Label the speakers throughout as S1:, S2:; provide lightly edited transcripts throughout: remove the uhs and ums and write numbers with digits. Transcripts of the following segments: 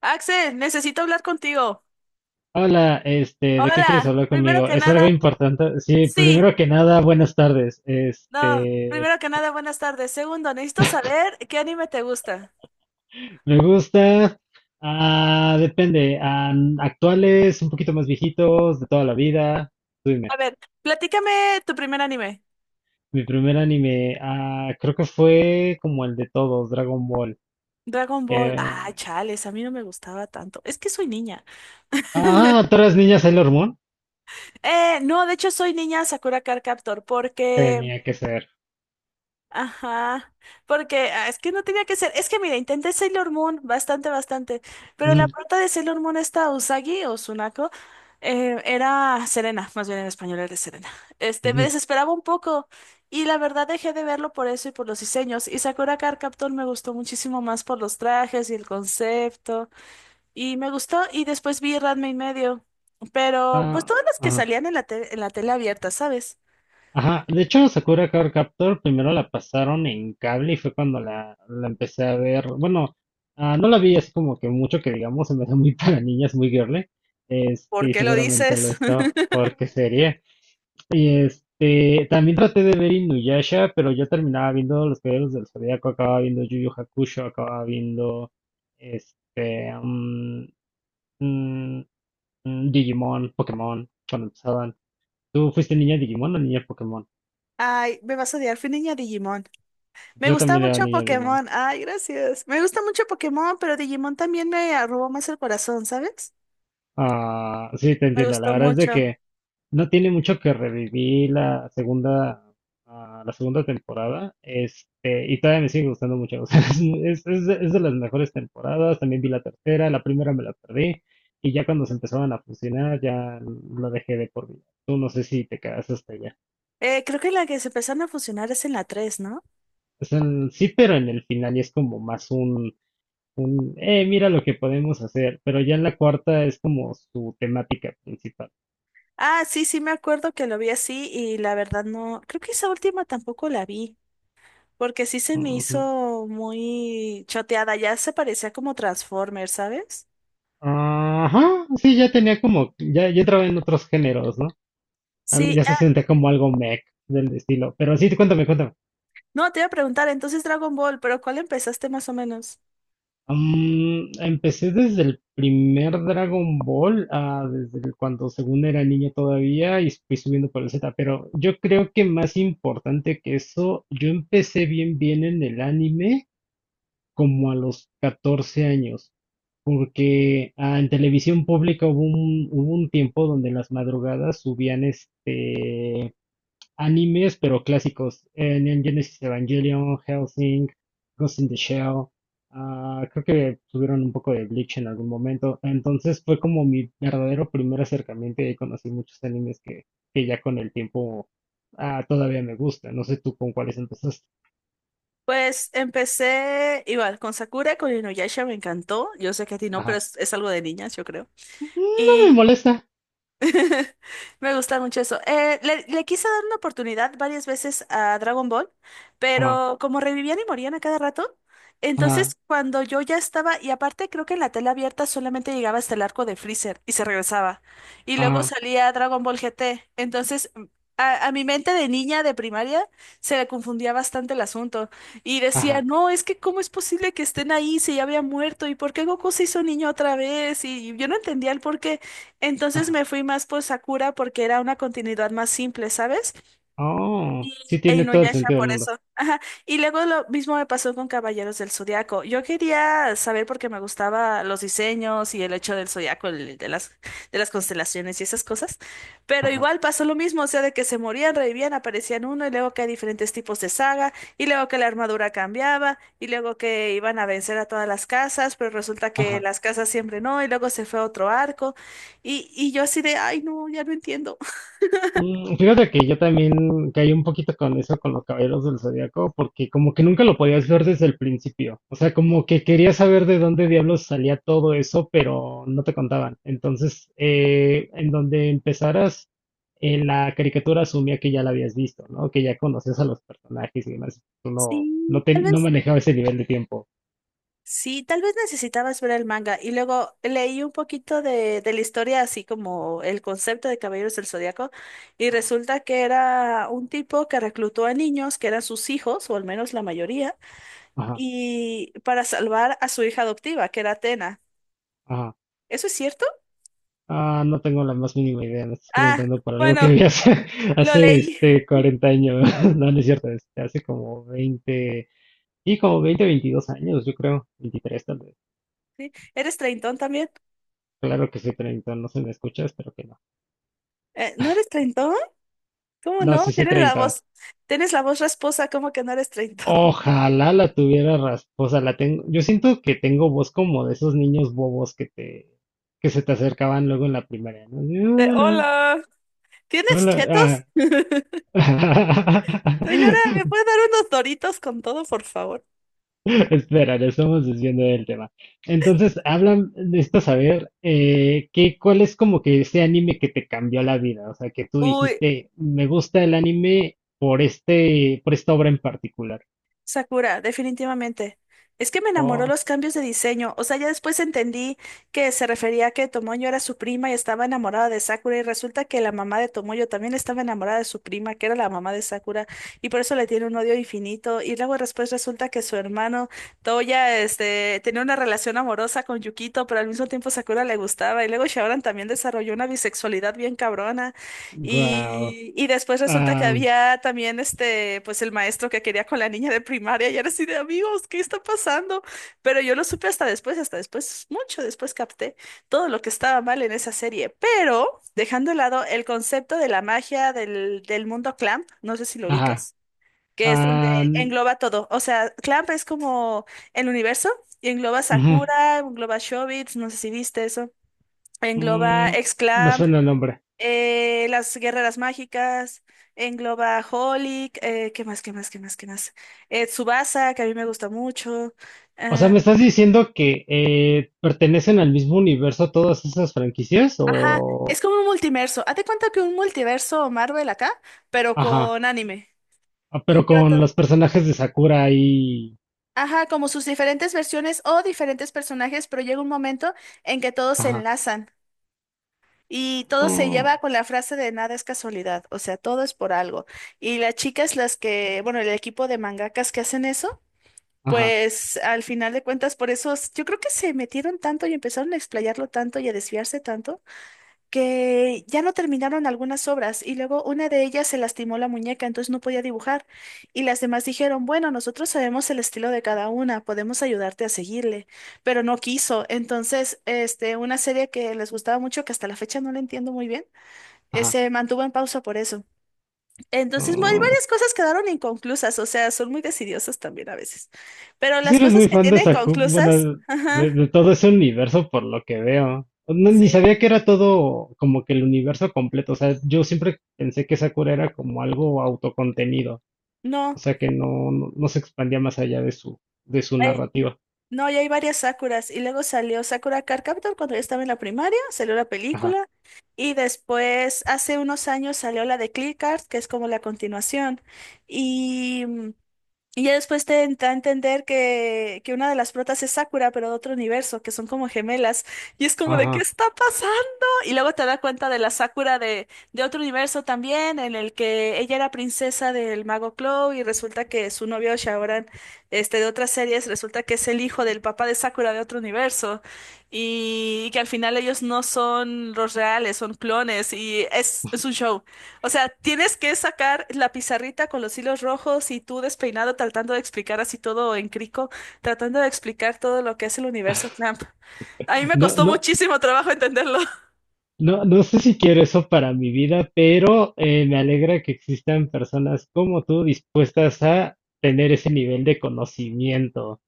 S1: Axel, necesito hablar contigo.
S2: Hola, ¿de qué quieres
S1: Hola,
S2: hablar
S1: primero
S2: conmigo?
S1: que
S2: ¿Es algo
S1: nada,
S2: importante? Sí,
S1: sí,
S2: primero que nada, buenas tardes.
S1: no, primero que nada, buenas tardes. Segundo, necesito saber qué anime te gusta.
S2: Me gusta, depende, actuales, un poquito más viejitos, de toda la vida. Tú
S1: A
S2: dime.
S1: ver, platícame tu primer anime.
S2: Mi primer anime, creo que fue como el de todos, Dragon Ball.
S1: Dragon Ball. Ah,
S2: Eh,
S1: chales, a mí no me gustaba tanto. Es que soy niña.
S2: ¿Todas las niñas Sailor Moon?
S1: No, de hecho soy niña Sakura Card Captor porque
S2: Tenía que ser.
S1: ajá, porque es que no tenía que ser. Es que mira, intenté Sailor Moon bastante, bastante, pero la
S2: Ujú,
S1: prota de Sailor Moon esta Usagi o Tsunako era Serena, más bien en español era Serena. Me
S2: ujú.
S1: desesperaba un poco y la verdad dejé de verlo por eso y por los diseños. Y Sakura Card Captor me gustó muchísimo más por los trajes y el concepto y me gustó y después vi Ranma y medio, pero pues
S2: Ah,
S1: todas las que
S2: ah.
S1: salían en la en la tele abierta, ¿sabes?
S2: Ajá, de hecho Sakura Card Captor primero la pasaron en cable y fue cuando la empecé a ver. Bueno, no la vi así como que mucho que digamos, se me hace muy para niñas, muy girly.
S1: ¿Por
S2: Y
S1: qué lo
S2: seguramente lo
S1: dices?
S2: estaba, porque sería. Y también traté de ver Inuyasha, pero yo terminaba viendo Los Caballeros del Zodiaco, acababa viendo Yu Yu Hakusho, acababa viendo este, mm, mm, Digimon, Pokémon, cuando empezaban. ¿Tú fuiste niña Digimon o niña Pokémon?
S1: Ay, me vas a odiar, fui niña Digimon. Me
S2: Yo
S1: gusta
S2: también le
S1: mucho
S2: daría a Digimon.
S1: Pokémon. Ay, gracias. Me gusta mucho Pokémon, pero Digimon también me robó más el corazón, ¿sabes?
S2: Ah, sí, te
S1: Me
S2: entiendo.
S1: gustó
S2: La verdad es de
S1: mucho.
S2: que no tiene mucho que revivir la segunda temporada. Y todavía me sigue gustando mucho. O sea, es de las mejores temporadas. También vi la tercera, la primera me la perdí. Y ya cuando se empezaban a funcionar, ya lo dejé de por vida. Tú no sé si te quedas hasta allá.
S1: Creo que la que se empezaron a fusionar es en la 3, ¿no?
S2: O sea, sí, pero en el final y es como más un, mira lo que podemos hacer. Pero ya en la cuarta es como su temática principal.
S1: Ah, sí, sí, me acuerdo que lo vi así y la verdad no. Creo que esa última tampoco la vi, porque sí se me hizo muy choteada. Ya se parecía como Transformers, ¿sabes?
S2: Ajá, sí, ya tenía como, ya entraba en otros géneros, ¿no?
S1: Sí,
S2: Ya se
S1: ah,
S2: sentía como algo mech del estilo. Pero sí, cuéntame, cuéntame.
S1: no, te iba a preguntar entonces Dragon Ball, pero ¿cuál empezaste más o menos?
S2: Empecé desde el primer Dragon Ball, cuando según era niño todavía, y fui subiendo por el Z. Pero yo creo que más importante que eso, yo empecé bien, bien en el anime como a los 14 años. Porque en televisión pública hubo un tiempo donde en las madrugadas subían animes, pero clásicos. Neon Genesis Evangelion, Hellsing, Ghost in the Shell. Creo que tuvieron un poco de Bleach en algún momento. Entonces fue como mi verdadero primer acercamiento y ahí conocí muchos animes que, que ya con el tiempo, todavía me gusta. No sé tú con cuáles empezaste.
S1: Pues empecé igual con Sakura, con Inuyasha me encantó. Yo sé que a ti no, pero
S2: Ajá.
S1: es algo de niñas, yo creo.
S2: No me
S1: Y
S2: molesta.
S1: me gusta mucho eso. Le quise dar una oportunidad varias veces a Dragon Ball,
S2: Ajá,
S1: pero como revivían y morían a cada rato,
S2: ajá,
S1: entonces cuando yo ya estaba, y aparte creo que en la tela abierta solamente llegaba hasta el arco de Freezer y se regresaba. Y luego
S2: ajá,
S1: salía Dragon Ball GT. Entonces, a mi mente de niña de primaria se le confundía bastante el asunto. Y decía,
S2: ajá,
S1: no, es que cómo es posible que estén ahí si ya había muerto, y por qué Goku se hizo niño otra vez, y yo no entendía el porqué entonces
S2: ajá.
S1: me fui más por Sakura porque era una continuidad más simple, ¿sabes?
S2: Oh, sí
S1: Y e
S2: tiene todo el
S1: Inuyasha,
S2: sentido del
S1: por
S2: mundo.
S1: eso. Ajá. Y luego lo mismo me pasó con Caballeros del Zodiaco. Yo quería saber porque me gustaba los diseños y el hecho del Zodiaco, de las constelaciones y esas cosas. Pero
S2: Ajá,
S1: igual pasó lo mismo, o sea, de que se morían, revivían, aparecían uno, y luego que hay diferentes tipos de saga, y luego que la armadura cambiaba, y luego que iban a vencer a todas las casas, pero resulta que
S2: ajá.
S1: las casas siempre no, y luego se fue a otro arco. Y yo así de, ay, no, ya no entiendo.
S2: Fíjate que yo también caí un poquito con eso, con los Caballeros del Zodiaco, porque como que nunca lo podías ver desde el principio. O sea, como que quería saber de dónde diablos salía todo eso, pero no te contaban. Entonces, en donde empezaras, en la caricatura asumía que ya la habías visto, ¿no? Que ya conocías a los personajes y demás. Tú
S1: Sí, tal
S2: no
S1: vez.
S2: manejaba ese nivel de tiempo.
S1: Sí, tal vez necesitabas ver el manga y luego leí un poquito de la historia, así como el concepto de Caballeros del Zodiaco, y
S2: Ajá.
S1: resulta que era un tipo que reclutó a niños que eran sus hijos, o al menos la mayoría,
S2: Ajá,
S1: y para salvar a su hija adoptiva, que era Atena.
S2: ajá.
S1: ¿Eso es cierto?
S2: Ah, no tengo la más mínima idea, me estás
S1: Ah,
S2: preguntando por algo que
S1: bueno,
S2: vi hace,
S1: lo
S2: hace
S1: leí.
S2: 40 años, no, no es cierto, hace como 20 y como 20, 22 años, yo creo, 23 tal vez.
S1: ¿Sí? ¿Eres treintón también?
S2: Claro que soy 30, no se me escucha, espero que no.
S1: ¿No eres treintón? ¿Cómo
S2: No,
S1: no?
S2: sí soy 30.
S1: Tienes la voz rasposa, ¿cómo que no eres treintón?
S2: Ojalá la tuviera rasposa, la tengo, yo siento que tengo voz como de esos niños bobos que se te acercaban luego en la primaria, ¿no? Y,
S1: De,
S2: hola,
S1: hola, ¿tienes
S2: hola,
S1: chetos?
S2: ah.
S1: Señora, ¿me puede dar unos doritos con todo, por favor?
S2: Espera, le estamos desviando del tema. Entonces, hablan, necesito saber cuál es como que ese anime que te cambió la vida. O sea, que tú
S1: Uy,
S2: dijiste, me gusta el anime por por esta obra en particular.
S1: Sakura, definitivamente. Es que me enamoró
S2: Oh,
S1: los cambios de diseño. O sea, ya después entendí que se refería a que Tomoyo era su prima y estaba enamorada de Sakura. Y resulta que la mamá de Tomoyo también estaba enamorada de su prima, que era la mamá de Sakura. Y por eso le tiene un odio infinito. Y luego después resulta que su hermano Toya, este, tenía una relación amorosa con Yukito, pero al mismo tiempo Sakura le gustaba. Y luego Shaoran también desarrolló una bisexualidad bien cabrona.
S2: wow.
S1: Y después resulta que
S2: Am,
S1: había también este, pues el maestro que quería con la niña de primaria y era así de amigos, ¿qué está pasando? Pero yo lo supe hasta después, mucho después capté todo lo que estaba mal en esa serie. Pero dejando de lado el concepto de la magia del mundo Clamp, no sé si lo
S2: ajá.
S1: ubicas, que es donde
S2: Am,
S1: engloba todo. O sea, Clamp es como el universo y engloba
S2: Ujú,
S1: Sakura, engloba Shobits, no sé si viste eso. Engloba
S2: mm,
S1: ex
S2: me suena el nombre.
S1: las guerreras mágicas, engloba Holic, ¿qué más, qué más, qué más, qué más? Tsubasa, que a mí me gusta mucho.
S2: O sea,
S1: eh,
S2: ¿me estás diciendo que pertenecen al mismo universo todas esas franquicias?
S1: ajá, es como un multiverso. Hazte cuenta que un multiverso Marvel acá, pero
S2: Ajá.
S1: con anime.
S2: Ah,
S1: Y
S2: pero
S1: pero
S2: con
S1: todo-
S2: los personajes de Sakura ahí.
S1: Ajá, como sus diferentes versiones o diferentes personajes, pero llega un momento en que todos se
S2: Ajá,
S1: enlazan. Y todo se
S2: mm,
S1: lleva con la frase de nada es casualidad, o sea, todo es por algo. Y las chicas, las que, bueno, el equipo de mangakas que hacen eso,
S2: ajá,
S1: pues al final de cuentas, por eso yo creo que se metieron tanto y empezaron a explayarlo tanto y a desviarse tanto que ya no terminaron algunas obras y luego una de ellas se lastimó la muñeca, entonces no podía dibujar y las demás dijeron, bueno, nosotros sabemos el estilo de cada una, podemos ayudarte a seguirle, pero no quiso. Entonces, este, una serie que les gustaba mucho, que hasta la fecha no la entiendo muy bien,
S2: ajá.
S1: se mantuvo en pausa por eso. Entonces,
S2: Mm.
S1: varias cosas quedaron inconclusas, o sea, son muy decidiosos también a veces. Pero
S2: Si
S1: las
S2: eres
S1: cosas
S2: muy
S1: que
S2: fan de
S1: tienen
S2: Sakura, bueno,
S1: conclusas, ajá,
S2: de todo ese universo por lo que veo. No, ni
S1: sí,
S2: sabía que era todo como que el universo completo. O sea, yo siempre pensé que Sakura era como algo autocontenido. O
S1: no,
S2: sea, que no se expandía más allá de su
S1: hay-
S2: narrativa.
S1: no, y hay varias Sakuras. Y luego salió Sakura Card Captor cuando yo estaba en la primaria, salió la
S2: Ajá,
S1: película. Y después, hace unos años, salió la de Clear Card, que es como la continuación. Y. mm, Y ya después te da a entender que una de las protas es Sakura, pero de otro universo, que son como gemelas. Y es como de, ¿qué
S2: ajá.
S1: está pasando? Y luego te da cuenta de la Sakura de otro universo también, en el que ella era princesa del mago Clow y resulta que su novio Shaoran, este, de otras series, resulta que es el hijo del papá de Sakura de otro universo. Y, que al final ellos no son los reales, son clones. Es un show. O sea, tienes que sacar la pizarrita con los hilos rojos y tú despeinado tratando de explicar así todo en crico, tratando de explicar todo lo que es el universo Clamp. A mí me
S2: No,
S1: costó
S2: no,
S1: muchísimo trabajo entenderlo,
S2: no, no sé si quiero eso para mi vida, pero me alegra que existan personas como tú dispuestas a tener ese nivel de conocimiento.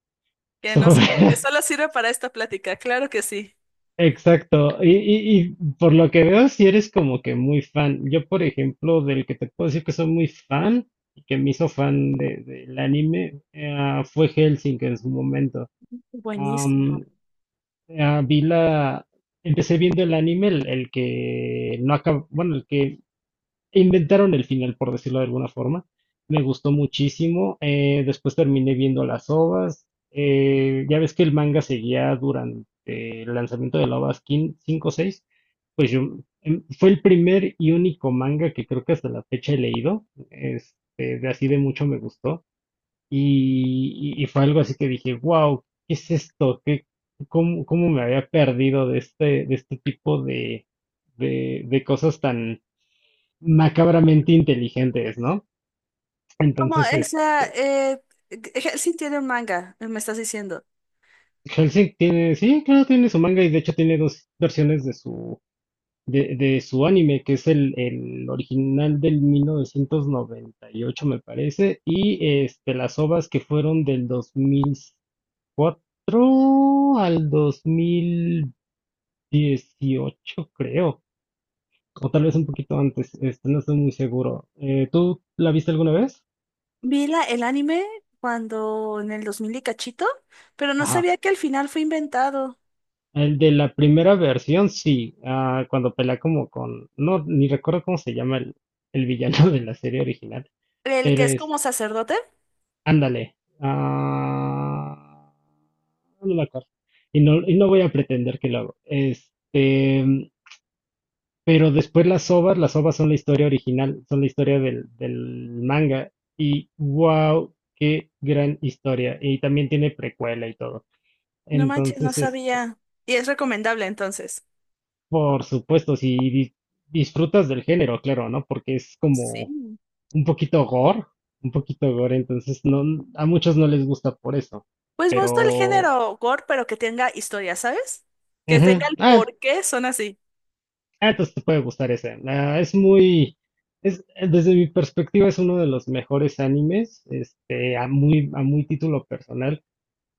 S1: que no
S2: Sobre-
S1: sé, que solo sirve para esta plática, claro que sí.
S2: Exacto. Y, por lo que veo, si eres como que muy fan. Yo, por ejemplo, del que te puedo decir que soy muy fan y que me hizo fan del anime, fue Hellsing en su momento. Am,
S1: Buenísimo.
S2: Vi empecé viendo el anime, el que no acabó, bueno, el que inventaron el final, por decirlo de alguna forma. Me gustó muchísimo. Después terminé viendo las ovas. Ya ves que el manga seguía durante el lanzamiento de la ova 5 o 6. Pues fue el primer y único manga que creo que hasta la fecha he leído. De así de mucho me gustó. Y fue algo así que dije, wow, ¿qué es esto? ¿Cómo me había perdido de este tipo de cosas tan macabramente inteligentes, ¿no?
S1: Como
S2: Entonces,
S1: esa, sí tiene un manga, me estás diciendo.
S2: Hellsing tiene, sí, claro, tiene su manga y de hecho tiene dos versiones de su anime, que es el original del 1998, me parece, y las ovas que fueron del 2004 al 2018, creo, o tal vez un poquito antes, no estoy muy seguro. ¿Tú la viste alguna vez?
S1: Vi la, el anime cuando en el 2000 y cachito, pero no
S2: Ajá.
S1: sabía que al final fue inventado.
S2: El de la primera versión, sí, cuando pelea como con, no, ni recuerdo cómo se llama el villano de la serie original,
S1: El que
S2: pero
S1: es
S2: es,
S1: como sacerdote.
S2: ándale, no me acuerdo, y no voy a pretender que lo hago, pero después las ovas son la historia original, son la historia del manga, y wow, qué gran historia, y también tiene precuela y todo,
S1: No manches, no
S2: entonces,
S1: sabía. Y es recomendable entonces.
S2: por supuesto, si disfrutas del género, claro, ¿no? Porque es como
S1: Sí.
S2: un poquito gore, un poquito gore, entonces no, a muchos no les gusta por eso,
S1: Pues me gusta el
S2: pero...
S1: género gore, pero que tenga historia, ¿sabes? Que tenga
S2: Ujú.
S1: el
S2: Ah,
S1: por qué son así.
S2: ah, entonces te puede gustar ese. Es muy... Es, Desde mi perspectiva es uno de los mejores animes, a muy título personal.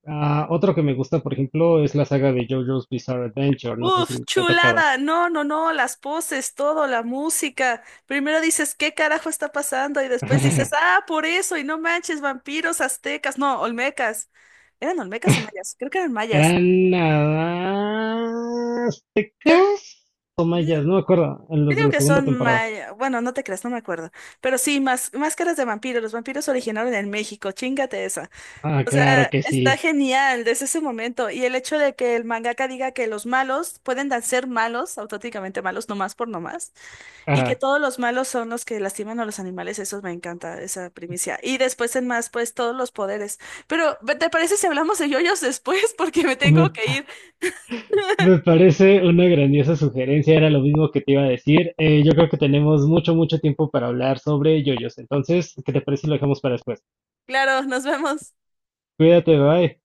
S2: Otro que me gusta, por ejemplo, es la saga de JoJo's Bizarre Adventure, no sé si
S1: Uf,
S2: te ha tocado.
S1: chulada. No, no, no, las poses, todo, la música. Primero dices, ¿qué carajo está pasando? Y después dices, ah, por eso, y no manches, vampiros, aztecas, no, olmecas. ¿Eran olmecas o mayas? Creo que eran mayas.
S2: Eran aztecas o
S1: Yo,
S2: mayas, no me acuerdo, en
S1: Yo
S2: los de
S1: digo
S2: la
S1: que
S2: segunda
S1: son,
S2: temporada.
S1: bueno, no te creas, no me acuerdo. Pero sí, más, máscaras de vampiros. Los vampiros originaron en México, chingate esa.
S2: Ah,
S1: O sea,
S2: claro que
S1: está
S2: sí.
S1: genial desde ese momento. Y el hecho de que el mangaka diga que los malos pueden ser malos, auténticamente malos, nomás por nomás. Y que
S2: Ah,
S1: todos los malos son los que lastiman a los animales, eso me encanta, esa primicia. Y después en más, pues todos los poderes. Pero, ¿te parece si hablamos de yoyos después? Porque me tengo
S2: me,
S1: que ir.
S2: me parece una grandiosa sugerencia, era lo mismo que te iba a decir. Yo creo que tenemos mucho, mucho tiempo para hablar sobre yoyos. Entonces, ¿qué te parece si lo dejamos para después?
S1: Claro, nos vemos.
S2: Cuídate, bye.